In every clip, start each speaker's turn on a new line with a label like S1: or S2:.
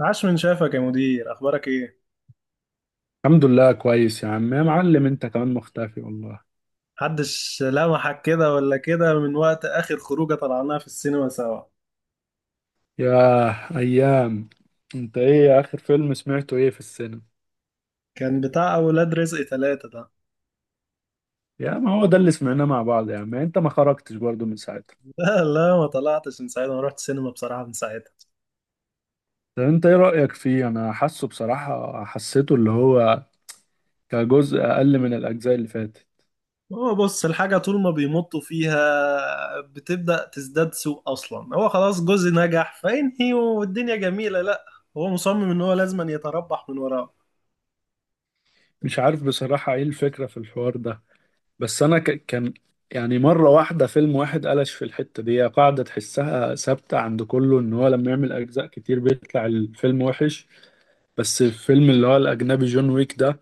S1: عاش، من شافك يا مدير؟ اخبارك ايه؟
S2: الحمد لله، كويس يا عم يا معلم، انت كمان مختفي والله.
S1: محدش لمحك كده ولا كده. من وقت اخر خروجه طلعناها في السينما سوا.
S2: يا ايام! انت ايه اخر فيلم سمعته، ايه في السينما؟
S1: كان بتاع اولاد رزق ثلاثة ده.
S2: يا ما هو ده اللي سمعناه مع بعض يا عم، يعني انت ما خرجتش برضه من ساعتها.
S1: لا، ما طلعتش من ساعتها، ما رحت السينما بصراحه من ساعتها.
S2: طب انت ايه رأيك فيه، انا حاسه بصراحة حسيته اللي هو كجزء اقل من الاجزاء اللي فاتت.
S1: هو بص، الحاجه طول ما بيمطوا فيها بتبدا تزداد سوء. اصلا هو خلاص جزء نجح، فينهي والدنيا جميله. لا، هو مصمم ان هو لازم يتربح من وراه.
S2: مش عارف بصراحة ايه الفكرة في الحوار ده. بس انا كان يعني مرة واحدة فيلم واحد قلش في الحتة دي، هي قاعدة تحسها ثابتة عند كله ان هو لما يعمل اجزاء كتير بيطلع الفيلم وحش. بس الفيلم اللي هو الأجنبي جون ويك ده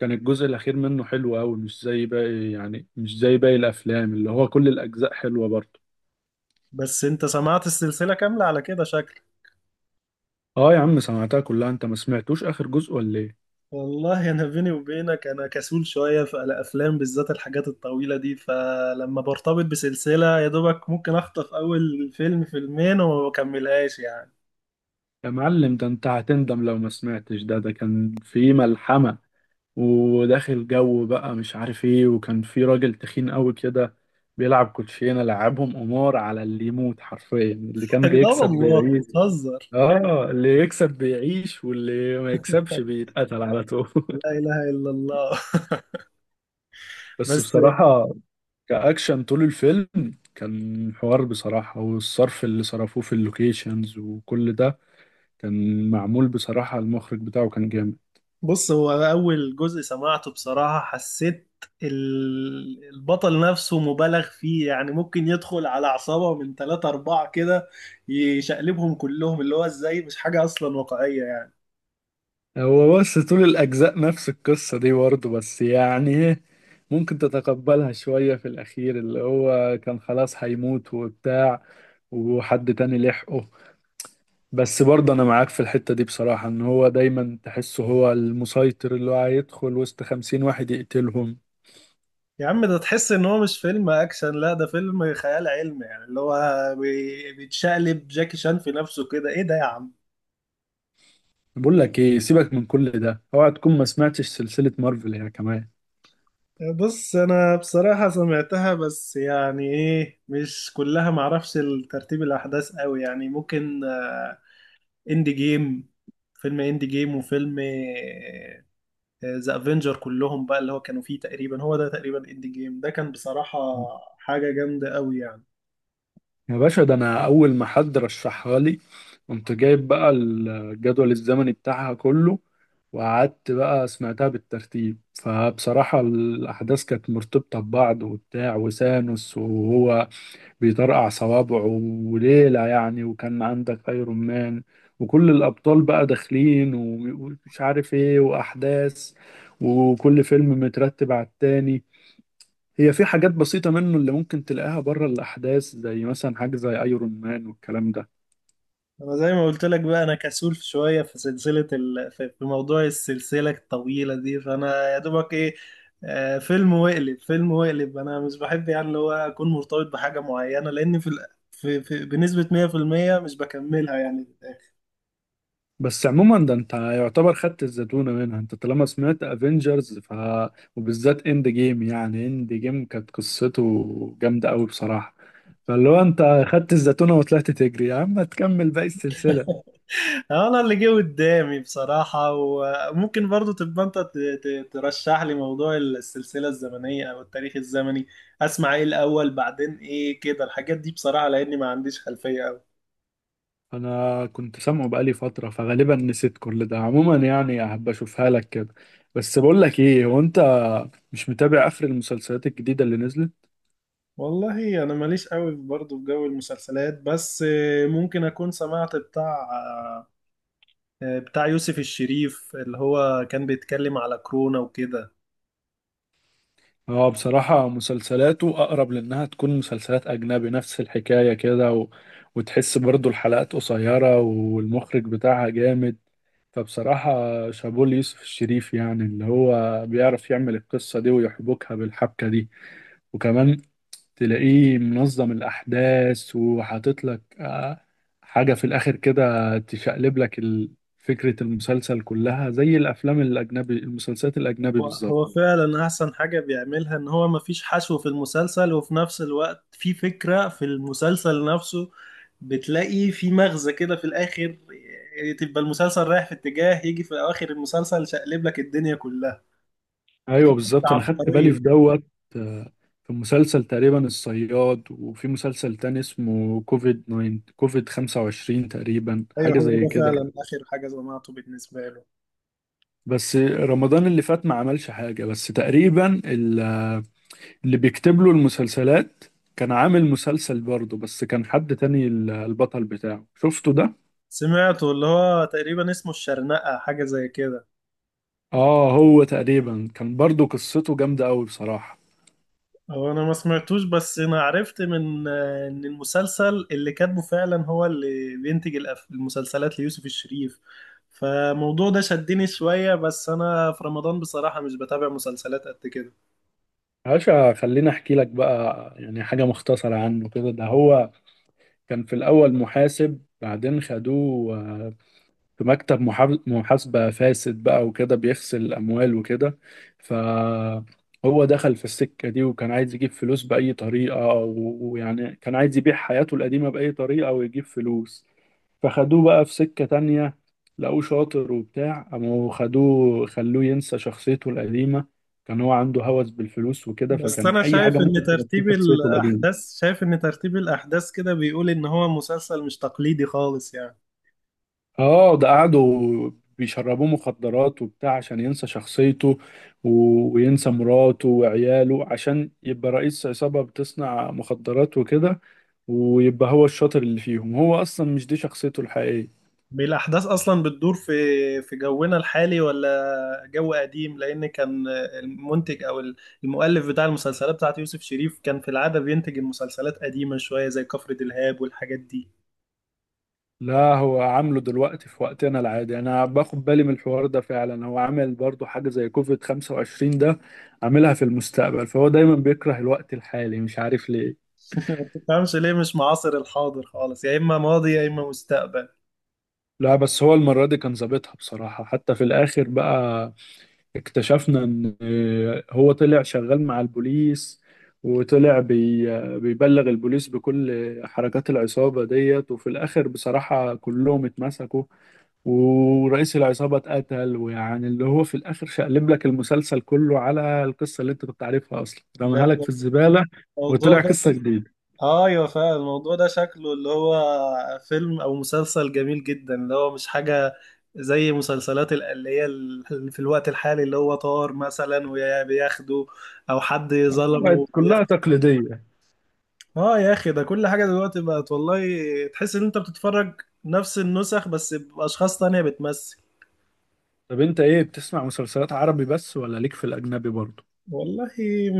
S2: كان الجزء الأخير منه حلو أوي، مش زي باقي يعني مش زي باقي الأفلام اللي هو كل الأجزاء حلوة برضه.
S1: بس انت سمعت السلسله كامله على كده شكل؟
S2: آه يا عم سمعتها كلها، أنت ما سمعتوش آخر جزء ولا إيه؟
S1: والله انا بيني وبينك انا كسول شويه في الافلام، بالذات الحاجات الطويله دي. فلما برتبط بسلسله يا دوبك ممكن اخطف اول فيلم فيلمين وما بكملهاش يعني.
S2: يا معلم ده أنت هتندم لو ما سمعتش، ده كان فيه ملحمة، وداخل جو بقى مش عارف إيه، وكان فيه راجل تخين أوي كده بيلعب كوتشينة، لعبهم قمار على اللي يموت حرفيا، اللي كان
S1: لا
S2: بيكسب
S1: والله،
S2: بيعيش.
S1: بتهزر؟
S2: آه اللي يكسب بيعيش واللي ما يكسبش بيتقتل على طول.
S1: لا اله الا الله.
S2: بس
S1: بس.
S2: بصراحة كأكشن طول الفيلم كان حوار بصراحة، والصرف اللي صرفوه في اللوكيشنز وكل ده كان معمول بصراحة، المخرج بتاعه كان جامد.
S1: بص، هو اول جزء سمعته بصراحه حسيت البطل نفسه مبالغ فيه. يعني ممكن يدخل على عصابه من ثلاثة أربعة كده يشقلبهم كلهم. اللي هو ازاي؟ مش حاجة أصلا واقعية يعني.
S2: هو بس طول الأجزاء نفس القصة دي برضه، بس يعني إيه، ممكن تتقبلها شوية في الأخير، اللي هو كان خلاص هيموت وبتاع وحد تاني لحقه. بس برضه أنا معاك في الحتة دي بصراحة، إن هو دايما تحسه هو المسيطر، اللي هو هيدخل وسط خمسين واحد يقتلهم.
S1: يا عم، ده تحس ان هو مش فيلم اكشن، لا ده فيلم خيال علمي. يعني اللي هو بيتشقلب جاكي شان في نفسه كده. ايه ده يا عم؟
S2: بقول لك ايه، سيبك من كل ده، اوعى تكون ما سمعتش سلسلة مارفل يا كمان.
S1: بص، انا بصراحة سمعتها بس يعني ايه، مش كلها معرفش ترتيب الاحداث قوي. يعني ممكن، آه، اندي جيم، فيلم اندي جيم وفيلم ذا افنجر كلهم بقى، اللي هو كانوا فيه تقريبا. هو ده تقريبا اندي جيم ده كان بصراحة حاجة جامدة قوي يعني.
S2: يا باشا ده انا اول ما حد رشحها لي قمت جايب بقى الجدول الزمني بتاعها كله، وقعدت بقى سمعتها بالترتيب، فبصراحة الأحداث كانت مرتبطة ببعض وبتاع، وسانوس وهو بيطرقع صوابعه وليلة يعني، وكان عندك أيرون مان وكل الأبطال بقى داخلين ومش عارف إيه وأحداث، وكل فيلم مترتب على التاني. هي في حاجات بسيطة منه اللي ممكن تلاقيها بره الأحداث، زي مثلا حاجة زي أيرون مان والكلام ده.
S1: انا زي ما قلت لك بقى، انا كسول شويه في سلسله في موضوع السلسله الطويله دي. فانا يا دوبك ايه، آه، فيلم وقلب، فيلم وقلب. انا مش بحب يعني اللي هو اكون مرتبط بحاجه معينه، لان في بنسبه 100% مش بكملها يعني في الآخر.
S2: بس عموما ده أنت يعتبر خدت الزتونة منها أنت طالما سمعت أفينجرز وبالذات إند جيم، يعني إند جيم كانت قصته جامدة أوي بصراحة، فاللي هو أنت خدت الزتونة وطلعت تجري يا عم تكمل باقي السلسلة.
S1: انا اللي جه قدامي بصراحه. وممكن برضو تبقى انت ترشح لي موضوع السلسله الزمنيه او التاريخ الزمني، اسمع ايه الاول بعدين ايه كده الحاجات دي بصراحه، لاني ما عنديش خلفيه قوي.
S2: أنا كنت سامعه بقالي فترة فغالبا نسيت كل ده عموما يعني، هبقى أشوفها لك كده. بس بقول لك إيه، هو أنت مش متابع آخر المسلسلات الجديدة اللي نزلت؟
S1: والله انا ماليش قوي برضه في جو المسلسلات. بس آه، ممكن اكون سمعت بتاع، آه، بتاع يوسف الشريف، اللي هو كان بيتكلم على كورونا وكده.
S2: اه بصراحة مسلسلاته أقرب لأنها تكون مسلسلات أجنبي نفس الحكاية كده وتحس برضو الحلقات قصيرة والمخرج بتاعها جامد. فبصراحة شابوه ليوسف الشريف، يعني اللي هو بيعرف يعمل القصة دي ويحبكها بالحبكة دي، وكمان تلاقيه منظم الأحداث وحاطط لك حاجة في الآخر كده تشقلب لك فكرة المسلسل كلها زي الأفلام الأجنبي المسلسلات الأجنبي
S1: هو
S2: بالظبط.
S1: هو فعلا احسن حاجة بيعملها ان هو مفيش حشو في المسلسل، وفي نفس الوقت في فكرة في المسلسل نفسه. بتلاقي في مغزى كده في الاخر. آه، تبقى المسلسل رايح في اتجاه، يجي في اواخر المسلسل شقلب لك الدنيا كلها. في
S2: ايوه بالظبط انا خدت بالي
S1: عبقرية.
S2: في دوت آه، في مسلسل تقريبا الصياد، وفي مسلسل تاني اسمه كوفيد 9 كوفيد 25 تقريبا
S1: ايوه،
S2: حاجه
S1: هو ده
S2: زي كده.
S1: فعلا اخر حاجة سمعته بالنسبة له.
S2: بس رمضان اللي فات ما عملش حاجه، بس تقريبا اللي بيكتب له المسلسلات كان عامل مسلسل برضه، بس كان حد تاني البطل بتاعه شفته ده.
S1: سمعته اللي هو تقريبا اسمه الشرنقة، حاجة زي كده.
S2: اه هو تقريبا كان برضه قصته جامده قوي بصراحه.
S1: هو انا ما سمعتوش، بس انا عرفت من، آه، ان المسلسل اللي كاتبه فعلا هو اللي بينتج المسلسلات ليوسف الشريف. فالموضوع ده شدني شوية، بس انا في رمضان بصراحة مش بتابع مسلسلات قد كده.
S2: عاشا خليني احكي لك بقى يعني حاجه مختصره عنه كده، ده هو كان في الأول محاسب، بعدين خدوه في مكتب محاسبة فاسد بقى وكده بيغسل أموال وكده، فهو دخل في السكة دي وكان عايز يجيب فلوس بأي طريقة، و- ويعني كان عايز يبيع حياته القديمة بأي طريقة ويجيب فلوس، فخدوه بقى في سكة تانية، لقوه شاطر وبتاع قاموا خدوه خلوه ينسى شخصيته القديمة. كان هو عنده هوس بالفلوس وكده،
S1: بس
S2: فكان
S1: انا
S2: أي
S1: شايف
S2: حاجة
S1: ان
S2: ممكن تنسيه
S1: ترتيب
S2: شخصيته القديمة.
S1: الاحداث، شايف ان ترتيب الاحداث كده بيقول ان هو مسلسل مش تقليدي خالص يعني.
S2: اه ده قعدوا بيشربوه مخدرات وبتاع عشان ينسى شخصيته، و- وينسى مراته وعياله عشان يبقى رئيس عصابة بتصنع مخدرات وكده، ويبقى هو الشاطر اللي فيهم، هو اصلا مش دي شخصيته الحقيقية.
S1: بالأحداث أصلا بتدور في في جونا الحالي، ولا جو قديم؟ لأن كان المنتج أو المؤلف بتاع المسلسلات بتاعت يوسف شريف كان في العادة بينتج المسلسلات قديمة شوية، زي كفر دلهاب والحاجات دي.
S2: لا هو عامله دلوقتي في وقتنا العادي، انا باخد بالي من الحوار ده فعلا، هو عامل برضو حاجة زي كوفيد 25 ده عاملها في المستقبل، فهو دايما بيكره الوقت الحالي مش عارف ليه.
S1: ما تفهمش ليه مش معاصر الحاضر خالص، يا إما ماضي يا إما مستقبل.
S2: لا بس هو المرة دي كان ظابطها بصراحة، حتى في الآخر بقى اكتشفنا ان هو طلع شغال مع البوليس، وطلع بيبلغ البوليس بكل حركات العصابة ديت، وفي الآخر بصراحة كلهم اتمسكوا، ورئيس العصابة اتقتل، ويعني اللي هو في الآخر شقلب لك المسلسل كله على القصة اللي انت كنت عارفها أصلا،
S1: ده
S2: رماها لك في الزبالة
S1: الموضوع
S2: وطلع
S1: ده،
S2: قصة جديدة
S1: ايوه فعلا الموضوع ده شكله اللي هو فيلم او مسلسل جميل جدا، اللي هو مش حاجه زي مسلسلات اللي هي في الوقت الحالي، اللي هو طار مثلا وبياخده، او حد ظلمه
S2: بقت كلها
S1: بياخده.
S2: تقليدية.
S1: اه يا اخي، ده كل حاجه دلوقتي بقت والله تحس ان انت بتتفرج نفس النسخ بس باشخاص تانية بتمثل.
S2: طب انت ايه بتسمع مسلسلات عربي بس ولا ليك في الأجنبي برضه؟
S1: والله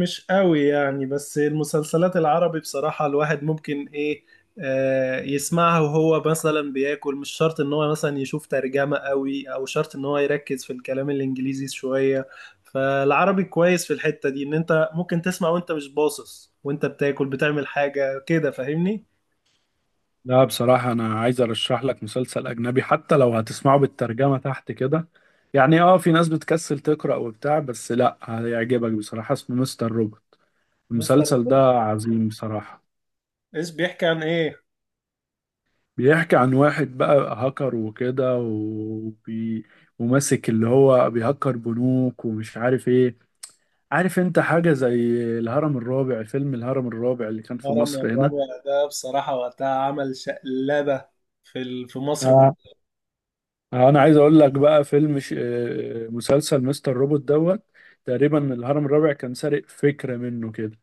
S1: مش قوي يعني، بس المسلسلات العربي بصراحة الواحد ممكن ايه، آه، يسمعها وهو مثلا بياكل. مش شرط ان هو مثلا يشوف ترجمة قوي، او شرط ان هو يركز في الكلام الانجليزي شوية. فالعربي كويس في الحتة دي، ان انت ممكن تسمع وانت مش باصص، وانت بتاكل بتعمل حاجة كده، فاهمني؟
S2: لا بصراحة أنا عايز أرشح لك مسلسل أجنبي، حتى لو هتسمعه بالترجمة تحت كده، يعني في ناس بتكسل تقرأ وبتاع، بس لأ هيعجبك بصراحة اسمه مستر روبوت،
S1: مستر
S2: المسلسل ده
S1: بين؟
S2: عظيم بصراحة.
S1: ايش بيحكي عن ايه؟
S2: بيحكي عن واحد بقى هاكر وكده وماسك اللي هو بيهكر بنوك ومش عارف إيه. عارف أنت حاجة زي الهرم الرابع، فيلم الهرم الرابع اللي كان في
S1: الهرم
S2: مصر
S1: الرابع، ده بصراحة وقتها عمل شقلبة في في مصر كلها.
S2: هنا. انا عايز اقول لك بقى فيلم ش... آه، مسلسل مستر روبوت دوت تقريبا الهرم الرابع كان سارق فكرة منه كده،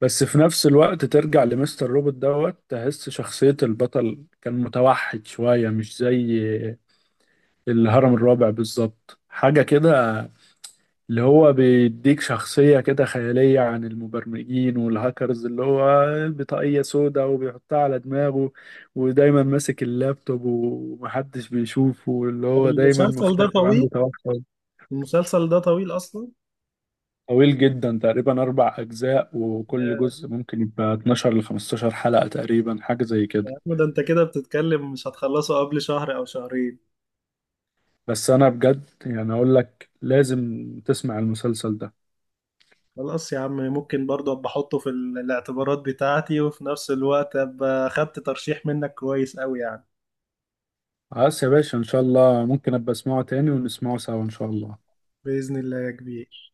S2: بس في نفس الوقت ترجع لمستر روبوت دوت تحس شخصية البطل كان متوحد شوية، مش زي الهرم الرابع بالظبط حاجة كده، اللي هو بيديك شخصية كده خيالية عن المبرمجين والهاكرز، اللي هو بطاقية سودا وبيحطها على دماغه ودايما ماسك اللابتوب ومحدش بيشوفه، واللي
S1: طب
S2: هو دايما
S1: المسلسل ده
S2: مختفي وعنده
S1: طويل؟
S2: توحد.
S1: المسلسل ده طويل اصلا؟
S2: طويل جدا تقريبا أربع أجزاء، وكل
S1: يا
S2: جزء ممكن يبقى 12 ل 15 حلقة تقريبا حاجة زي
S1: يا
S2: كده.
S1: عم، ده انت كده بتتكلم مش هتخلصه قبل شهر او شهرين.
S2: بس أنا بجد يعني أقول لك لازم تسمع المسلسل ده.
S1: خلاص يا عم، ممكن برضه ابقى احطه في الاعتبارات بتاعتي، وفي نفس الوقت ابقى خدت ترشيح منك كويس قوي يعني.
S2: خلاص يا باشا إن شاء الله، ممكن أبقى أسمعه تاني ونسمعه سوا إن شاء الله.
S1: بإذن الله يا كبير.